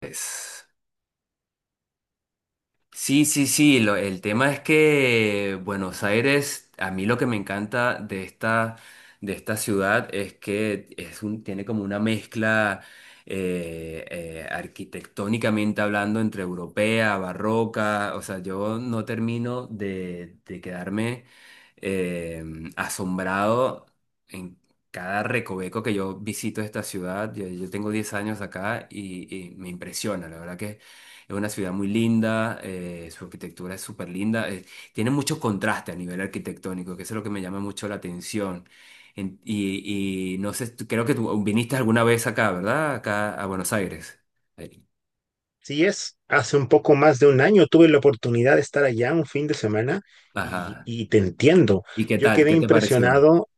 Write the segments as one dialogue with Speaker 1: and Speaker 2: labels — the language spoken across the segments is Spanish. Speaker 1: Pues, sí, sí, sí, el tema es que Buenos Aires, a mí lo que me encanta de esta, ciudad, es que tiene como una mezcla, arquitectónicamente hablando, entre europea, barroca. O sea, yo no termino de quedarme, eh, asombrado en cada recoveco que yo visito esta ciudad. Yo tengo 10 años acá, y me impresiona, la verdad. Es una ciudad muy linda. Su arquitectura es súper linda. Tiene mucho contraste a nivel arquitectónico, que eso es lo que me llama mucho la atención. Y no sé, creo que tú viniste alguna vez acá, ¿verdad? Acá a Buenos Aires. Eh,
Speaker 2: Sí es, hace un poco más de un año tuve la oportunidad de estar allá un fin de semana y,
Speaker 1: Ajá.
Speaker 2: y te entiendo.
Speaker 1: ¿Y qué
Speaker 2: Yo
Speaker 1: tal?
Speaker 2: quedé
Speaker 1: ¿Qué te pareció?
Speaker 2: impresionado,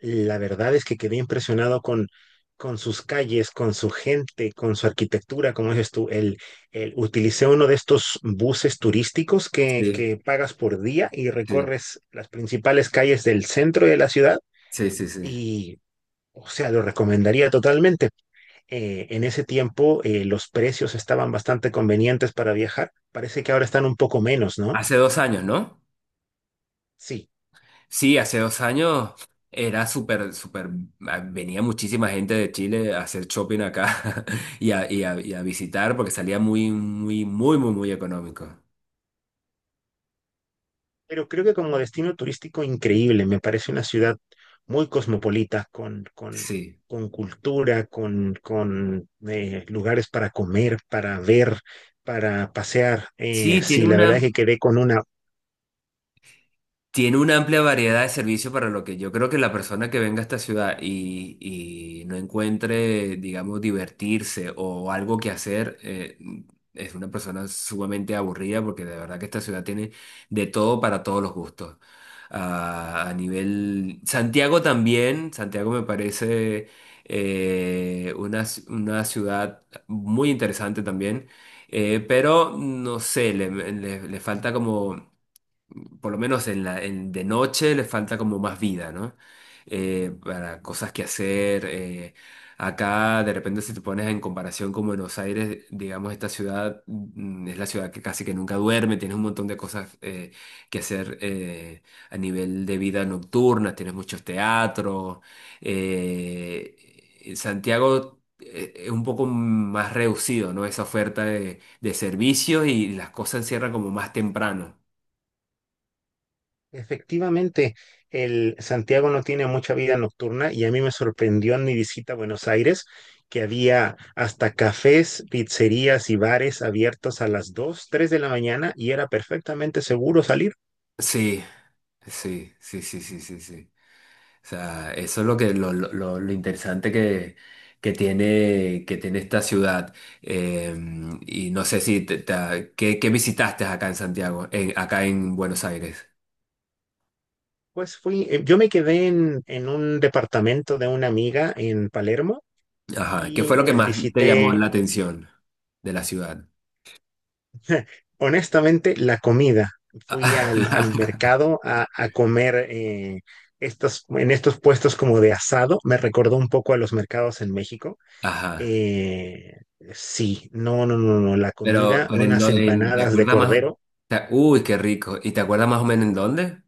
Speaker 2: la verdad es que quedé impresionado con sus calles, con su gente, con su arquitectura, como dices tú. Utilicé uno de estos buses turísticos que,
Speaker 1: Sí,
Speaker 2: que pagas por día y
Speaker 1: sí,
Speaker 2: recorres las principales calles del centro de la ciudad
Speaker 1: sí, sí, sí.
Speaker 2: y, o sea, lo recomendaría totalmente, en ese tiempo, los precios estaban bastante convenientes para viajar. Parece que ahora están un poco menos, ¿no?
Speaker 1: Hace 2 años, ¿no?
Speaker 2: Sí,
Speaker 1: Sí, hace dos años era súper, súper. Venía muchísima gente de Chile a hacer shopping acá y a visitar, porque salía muy, muy, muy, muy, muy económico.
Speaker 2: pero creo que como destino turístico increíble, me parece una ciudad muy cosmopolita, con, con,
Speaker 1: Sí.
Speaker 2: con cultura, con lugares para comer, para ver, para pasear.
Speaker 1: Sí, tiene
Speaker 2: Sí, la verdad es
Speaker 1: una
Speaker 2: que quedé con una.
Speaker 1: Tiene una amplia variedad de servicios, para lo que yo creo que la persona que venga a esta ciudad y no encuentre, digamos, divertirse o algo que hacer, es una persona sumamente aburrida, porque de verdad que esta ciudad tiene de todo, para todos los gustos. Santiago también. Santiago me parece una ciudad muy interesante también. Pero no sé, le falta como, por lo menos en de noche, les falta como más vida, ¿no? Para cosas que hacer. Acá, de repente, si te pones en comparación con Buenos Aires, digamos, esta ciudad, es la ciudad que casi que nunca duerme. Tienes un montón de cosas que hacer, a nivel de vida nocturna. Tienes muchos teatros. eh, Santiago, es un poco más reducido, ¿no? Esa oferta de servicios, y las cosas cierran como más temprano.
Speaker 2: Efectivamente, el Santiago no tiene mucha vida nocturna y a mí me sorprendió en mi visita a Buenos Aires que había hasta cafés, pizzerías y bares abiertos a las 2, 3 de la mañana y era perfectamente seguro salir.
Speaker 1: Sí. Sí, sí, sí, sí, sí, sí. O sea, eso es lo que lo interesante que tiene esta ciudad. Eh, y no sé si te- te ¿qué visitaste acá en Santiago, acá en Buenos Aires?
Speaker 2: Pues fui, yo me quedé en un departamento de una amiga en Palermo
Speaker 1: Ajá. ¿Qué
Speaker 2: y
Speaker 1: fue lo que
Speaker 2: pues
Speaker 1: más te llamó
Speaker 2: visité.
Speaker 1: la atención de la ciudad?
Speaker 2: Honestamente, la comida. Fui al mercado a comer, en estos puestos como de asado. Me recordó un poco a los mercados en México.
Speaker 1: Ajá.
Speaker 2: Eh, sí, no, no, no, no. La
Speaker 1: Pero,
Speaker 2: comida,
Speaker 1: pero
Speaker 2: unas
Speaker 1: ¿te
Speaker 2: empanadas de
Speaker 1: acuerdas más?
Speaker 2: cordero
Speaker 1: Uy, qué rico. ¿Y te acuerdas más o menos en dónde?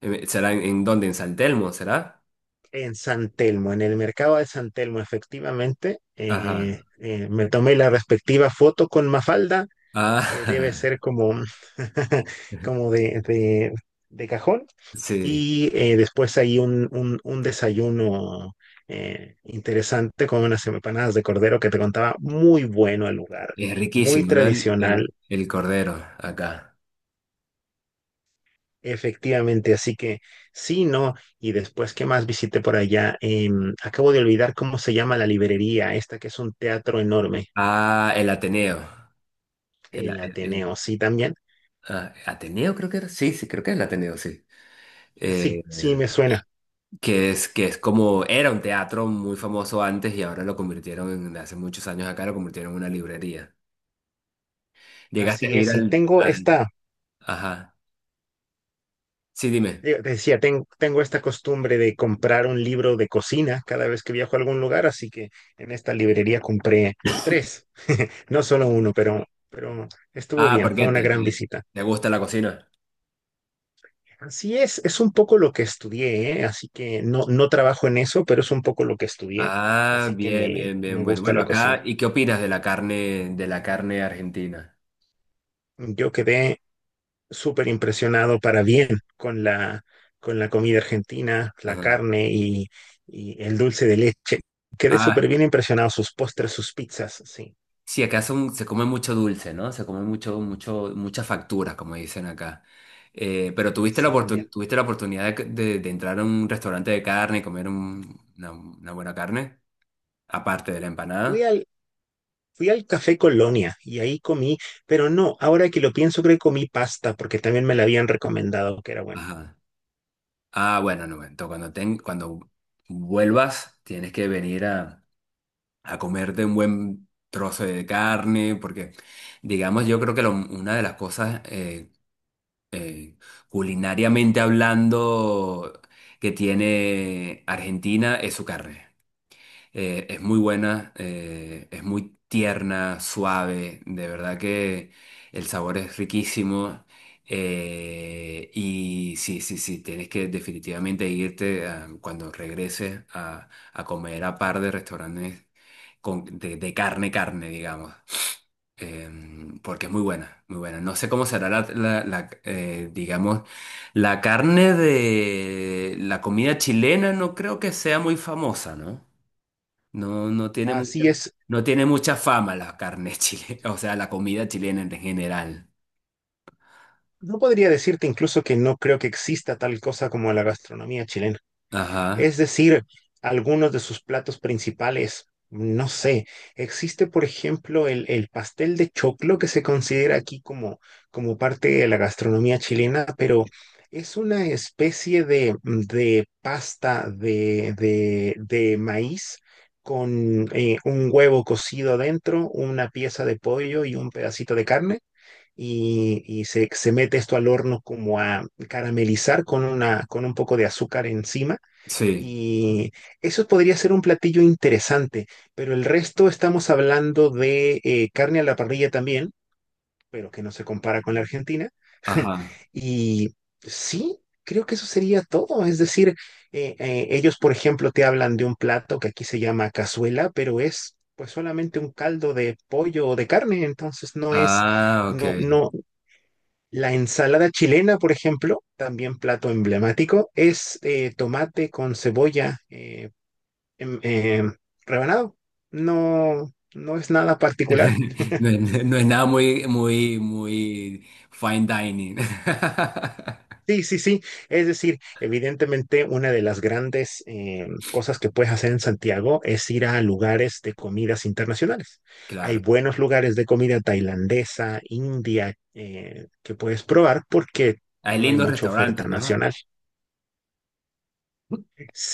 Speaker 1: ¿Será en dónde? ¿En San Telmo, será?
Speaker 2: en San Telmo, en el mercado de San Telmo, efectivamente.
Speaker 1: Ajá.
Speaker 2: Me tomé la respectiva foto con Mafalda, que debe
Speaker 1: Ah,
Speaker 2: ser como como de cajón.
Speaker 1: sí.
Speaker 2: Después hay un desayuno interesante con unas empanadas de cordero que te contaba, muy bueno el lugar,
Speaker 1: Es
Speaker 2: muy
Speaker 1: riquísimo, ¿no? El,
Speaker 2: tradicional,
Speaker 1: el- el cordero acá.
Speaker 2: efectivamente, así que sí, no, y después, ¿qué más visité por allá? Acabo de olvidar cómo se llama la librería, esta que es un teatro enorme,
Speaker 1: Ah, el Ateneo. El,
Speaker 2: el
Speaker 1: el-
Speaker 2: Ateneo,
Speaker 1: el-
Speaker 2: sí, también,
Speaker 1: ah, Ateneo creo que era. Sí, sí, creo que es el Ateneo, sí.
Speaker 2: sí,
Speaker 1: Eh,
Speaker 2: sí, me suena,
Speaker 1: que es, que es, como, era un teatro muy famoso antes, y ahora lo convirtieron en, hace muchos años acá, lo convirtieron en una librería. ¿Llegaste a
Speaker 2: así
Speaker 1: ir
Speaker 2: es, y
Speaker 1: al,
Speaker 2: tengo
Speaker 1: al-?
Speaker 2: esta...
Speaker 1: Ajá. Sí, dime.
Speaker 2: Digo, te decía, tengo esta costumbre de comprar un libro de cocina cada vez que viajo a algún lugar, así que en esta librería compré tres, no solo uno, pero estuvo
Speaker 1: Ah,
Speaker 2: bien,
Speaker 1: ¿por
Speaker 2: fue
Speaker 1: qué?
Speaker 2: una
Speaker 1: ¿Te,
Speaker 2: gran
Speaker 1: te,
Speaker 2: visita.
Speaker 1: te gusta la cocina?
Speaker 2: Así es un poco lo que estudié, ¿eh? Así que no, no trabajo en eso, pero es un poco lo que estudié,
Speaker 1: Ah,
Speaker 2: así que
Speaker 1: bien,
Speaker 2: me,
Speaker 1: bien, bien.
Speaker 2: me
Speaker 1: Bueno,
Speaker 2: gusta
Speaker 1: bueno,
Speaker 2: la
Speaker 1: acá,
Speaker 2: cocina.
Speaker 1: ¿y qué opinas de la carne argentina?
Speaker 2: Yo quedé súper impresionado para bien con la comida argentina, la
Speaker 1: Ajá.
Speaker 2: carne y el dulce de leche. Quedé súper
Speaker 1: Ah.
Speaker 2: bien impresionado, sus postres, sus pizzas, sí,
Speaker 1: Sí, acá se come mucho dulce, ¿no? Se come mucho, mucho, mucha factura, como dicen acá. Pero tuviste la
Speaker 2: sí,
Speaker 1: oportun-
Speaker 2: también.
Speaker 1: tuviste la oportunidad de entrar a un restaurante de carne y comer una buena carne, aparte de la
Speaker 2: Fui
Speaker 1: empanada.
Speaker 2: al, fui al Café Colonia y ahí comí, pero no, ahora que lo pienso creo que comí pasta porque también me la habían recomendado que era buena.
Speaker 1: Ajá. Ah, bueno, no, entonces cuando vuelvas, tienes que venir a comerte un buen trozo de carne, porque digamos, yo creo que una de las cosas, eh, culinariamente hablando, que tiene Argentina, es su carne. Es muy buena. Es muy tierna, suave, de verdad que el sabor es riquísimo. Y sí, sí, sí, tienes que definitivamente irte, cuando regreses, a comer a par de restaurantes, de carne, carne, digamos, porque es muy buena, muy buena. No sé cómo será digamos, la carne de la comida chilena. No creo que sea muy famosa, ¿no? No,
Speaker 2: Así es,
Speaker 1: no tiene mucha, fama la carne chilena, o sea, la comida chilena en general.
Speaker 2: no podría decirte incluso que no creo que exista tal cosa como la gastronomía chilena. Es
Speaker 1: Ajá,
Speaker 2: decir, algunos de sus platos principales. No sé, existe por ejemplo el pastel de choclo que se considera aquí como, como parte de la gastronomía chilena, pero es una especie de pasta de maíz con, un huevo cocido adentro, una pieza de pollo y un pedacito de carne. Y se mete esto al horno como a caramelizar con un poco de azúcar encima
Speaker 1: sí,
Speaker 2: y eso podría ser un platillo interesante, pero el resto estamos hablando de, carne a la parrilla también, pero que no se compara con la Argentina.
Speaker 1: ajá.
Speaker 2: Y sí, creo que eso sería todo. Es decir, ellos, por ejemplo, te hablan de un plato que aquí se llama cazuela, pero es pues solamente un caldo de pollo o de carne. Entonces no es,
Speaker 1: Ah, ok.
Speaker 2: no, no. La ensalada chilena, por ejemplo, también plato emblemático, es tomate con cebolla, em, em, rebanado. No, no es nada particular.
Speaker 1: No, es no es nada muy, muy, muy fine dining.
Speaker 2: Sí, sí, sí. Es decir, evidentemente una de las grandes, cosas que puedes hacer en Santiago es ir a lugares de comidas internacionales. Hay
Speaker 1: Claro.
Speaker 2: buenos lugares de comida tailandesa, india, que puedes probar porque
Speaker 1: Hay
Speaker 2: no hay
Speaker 1: lindos
Speaker 2: mucha oferta
Speaker 1: restaurantes, ¿no?
Speaker 2: nacional.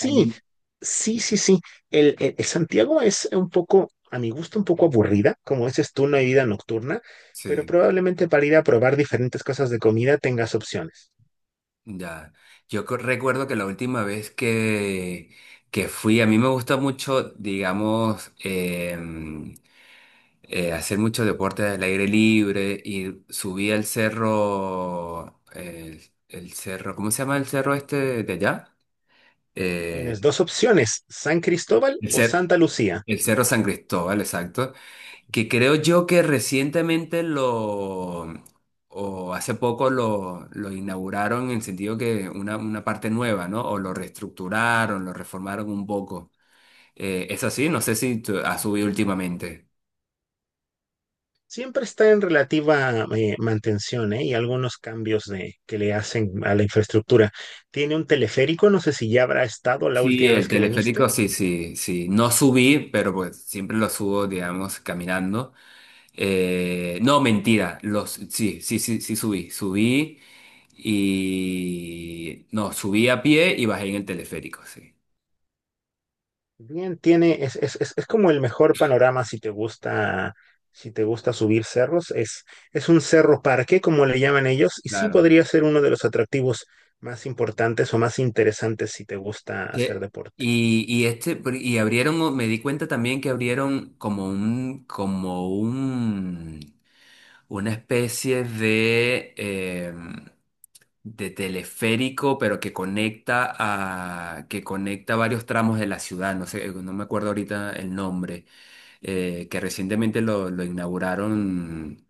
Speaker 1: Hay lindos
Speaker 2: sí, sí, sí. El Santiago es un poco, a mi gusto, un poco aburrida, como dices tú, no hay vida nocturna, pero
Speaker 1: Sí,
Speaker 2: probablemente para ir a probar diferentes cosas de comida tengas opciones.
Speaker 1: ya. Recuerdo que la última vez que fui, a mí me gusta mucho, digamos, em, hacer mucho deporte al aire libre, y subí al cerro. El cerro, ¿cómo se llama el cerro este de allá?
Speaker 2: Tienes
Speaker 1: Eh,
Speaker 2: dos opciones, San Cristóbal
Speaker 1: el
Speaker 2: o
Speaker 1: cer-
Speaker 2: Santa Lucía.
Speaker 1: el cerro San Cristóbal, exacto. Que creo yo que recientemente o hace poco lo inauguraron, en el sentido que una parte nueva, ¿no? O lo reestructuraron, lo reformaron un poco. Es así, no sé si ha subido últimamente.
Speaker 2: Siempre está en relativa, mantención, ¿eh? Y algunos cambios que le hacen a la infraestructura. Tiene un teleférico, no sé si ya habrá estado la
Speaker 1: Sí,
Speaker 2: última
Speaker 1: el
Speaker 2: vez que viniste.
Speaker 1: teleférico, sí, sí, sí. No subí, pero pues siempre lo subo, digamos, caminando. No, mentira, sí, sí, sí, sí subí, subí. No, subí a pie y bajé en el teleférico, sí.
Speaker 2: Bien, tiene, es como el mejor panorama si te gusta, si te gusta subir cerros. Es un cerro parque, como le llaman ellos, y sí
Speaker 1: Claro.
Speaker 2: podría ser uno de los atractivos más importantes o más interesantes si te gusta hacer
Speaker 1: Que-
Speaker 2: deporte.
Speaker 1: y, y este, y abrieron, me di cuenta también que abrieron como un, una especie de teleférico, pero que conecta varios tramos de la ciudad. No sé, no me acuerdo ahorita el nombre. Que recientemente lo inauguraron,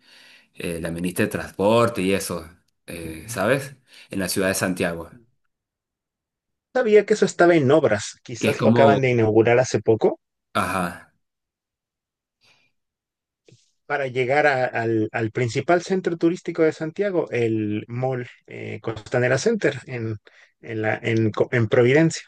Speaker 1: la ministra de Transporte y eso. Ujú. ¿Sabes? En la ciudad de Santiago,
Speaker 2: Sabía que eso estaba en obras,
Speaker 1: que es
Speaker 2: quizás lo acaban
Speaker 1: como,
Speaker 2: de inaugurar hace poco
Speaker 1: ajá.
Speaker 2: para llegar a- al, al principal centro turístico de Santiago, el Mall, Costanera Center, en la, en Co- en Providencia.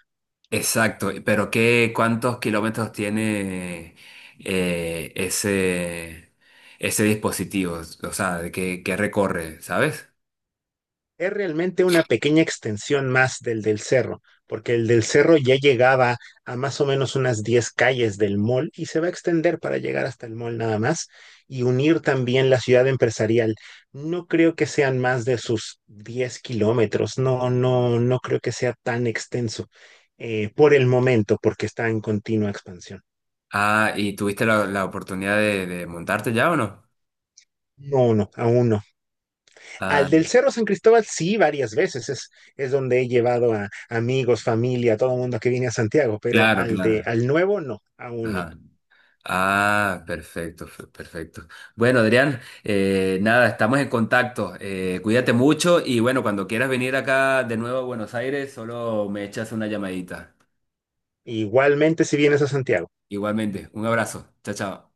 Speaker 1: Exacto, pero ¿cuántos kilómetros tiene, eh, ese, ese dispositivo? O sea, ¿de ¿qué recorre, sabes?
Speaker 2: Es realmente una pequeña extensión más del cerro, porque el del cerro ya llegaba a más o menos unas 10 calles del mall y se va a extender para llegar hasta el mall nada más y unir también la ciudad empresarial. No creo que sean más de sus 10 kilómetros, no, no, no creo que sea tan extenso, por el momento, porque está en continua expansión.
Speaker 1: Ah, ¿y tuviste la oportunidad de montarte ya o no?
Speaker 2: No, no, aún no. Al
Speaker 1: Ah,
Speaker 2: del Cerro San Cristóbal, sí, varias veces. Es donde he llevado a amigos, familia, todo el mundo que viene a Santiago, pero
Speaker 1: claro,
Speaker 2: al de,
Speaker 1: claro.
Speaker 2: al nuevo, no, aún no.
Speaker 1: Ajá. Ah, perfecto, perfecto. Bueno, Adrián, nada, estamos en contacto. Cuídate mucho, y bueno, cuando quieras venir acá de nuevo a Buenos Aires, solo me echas una llamadita.
Speaker 2: Igualmente, si vienes a Santiago.
Speaker 1: Igualmente, un abrazo. Chao, chao.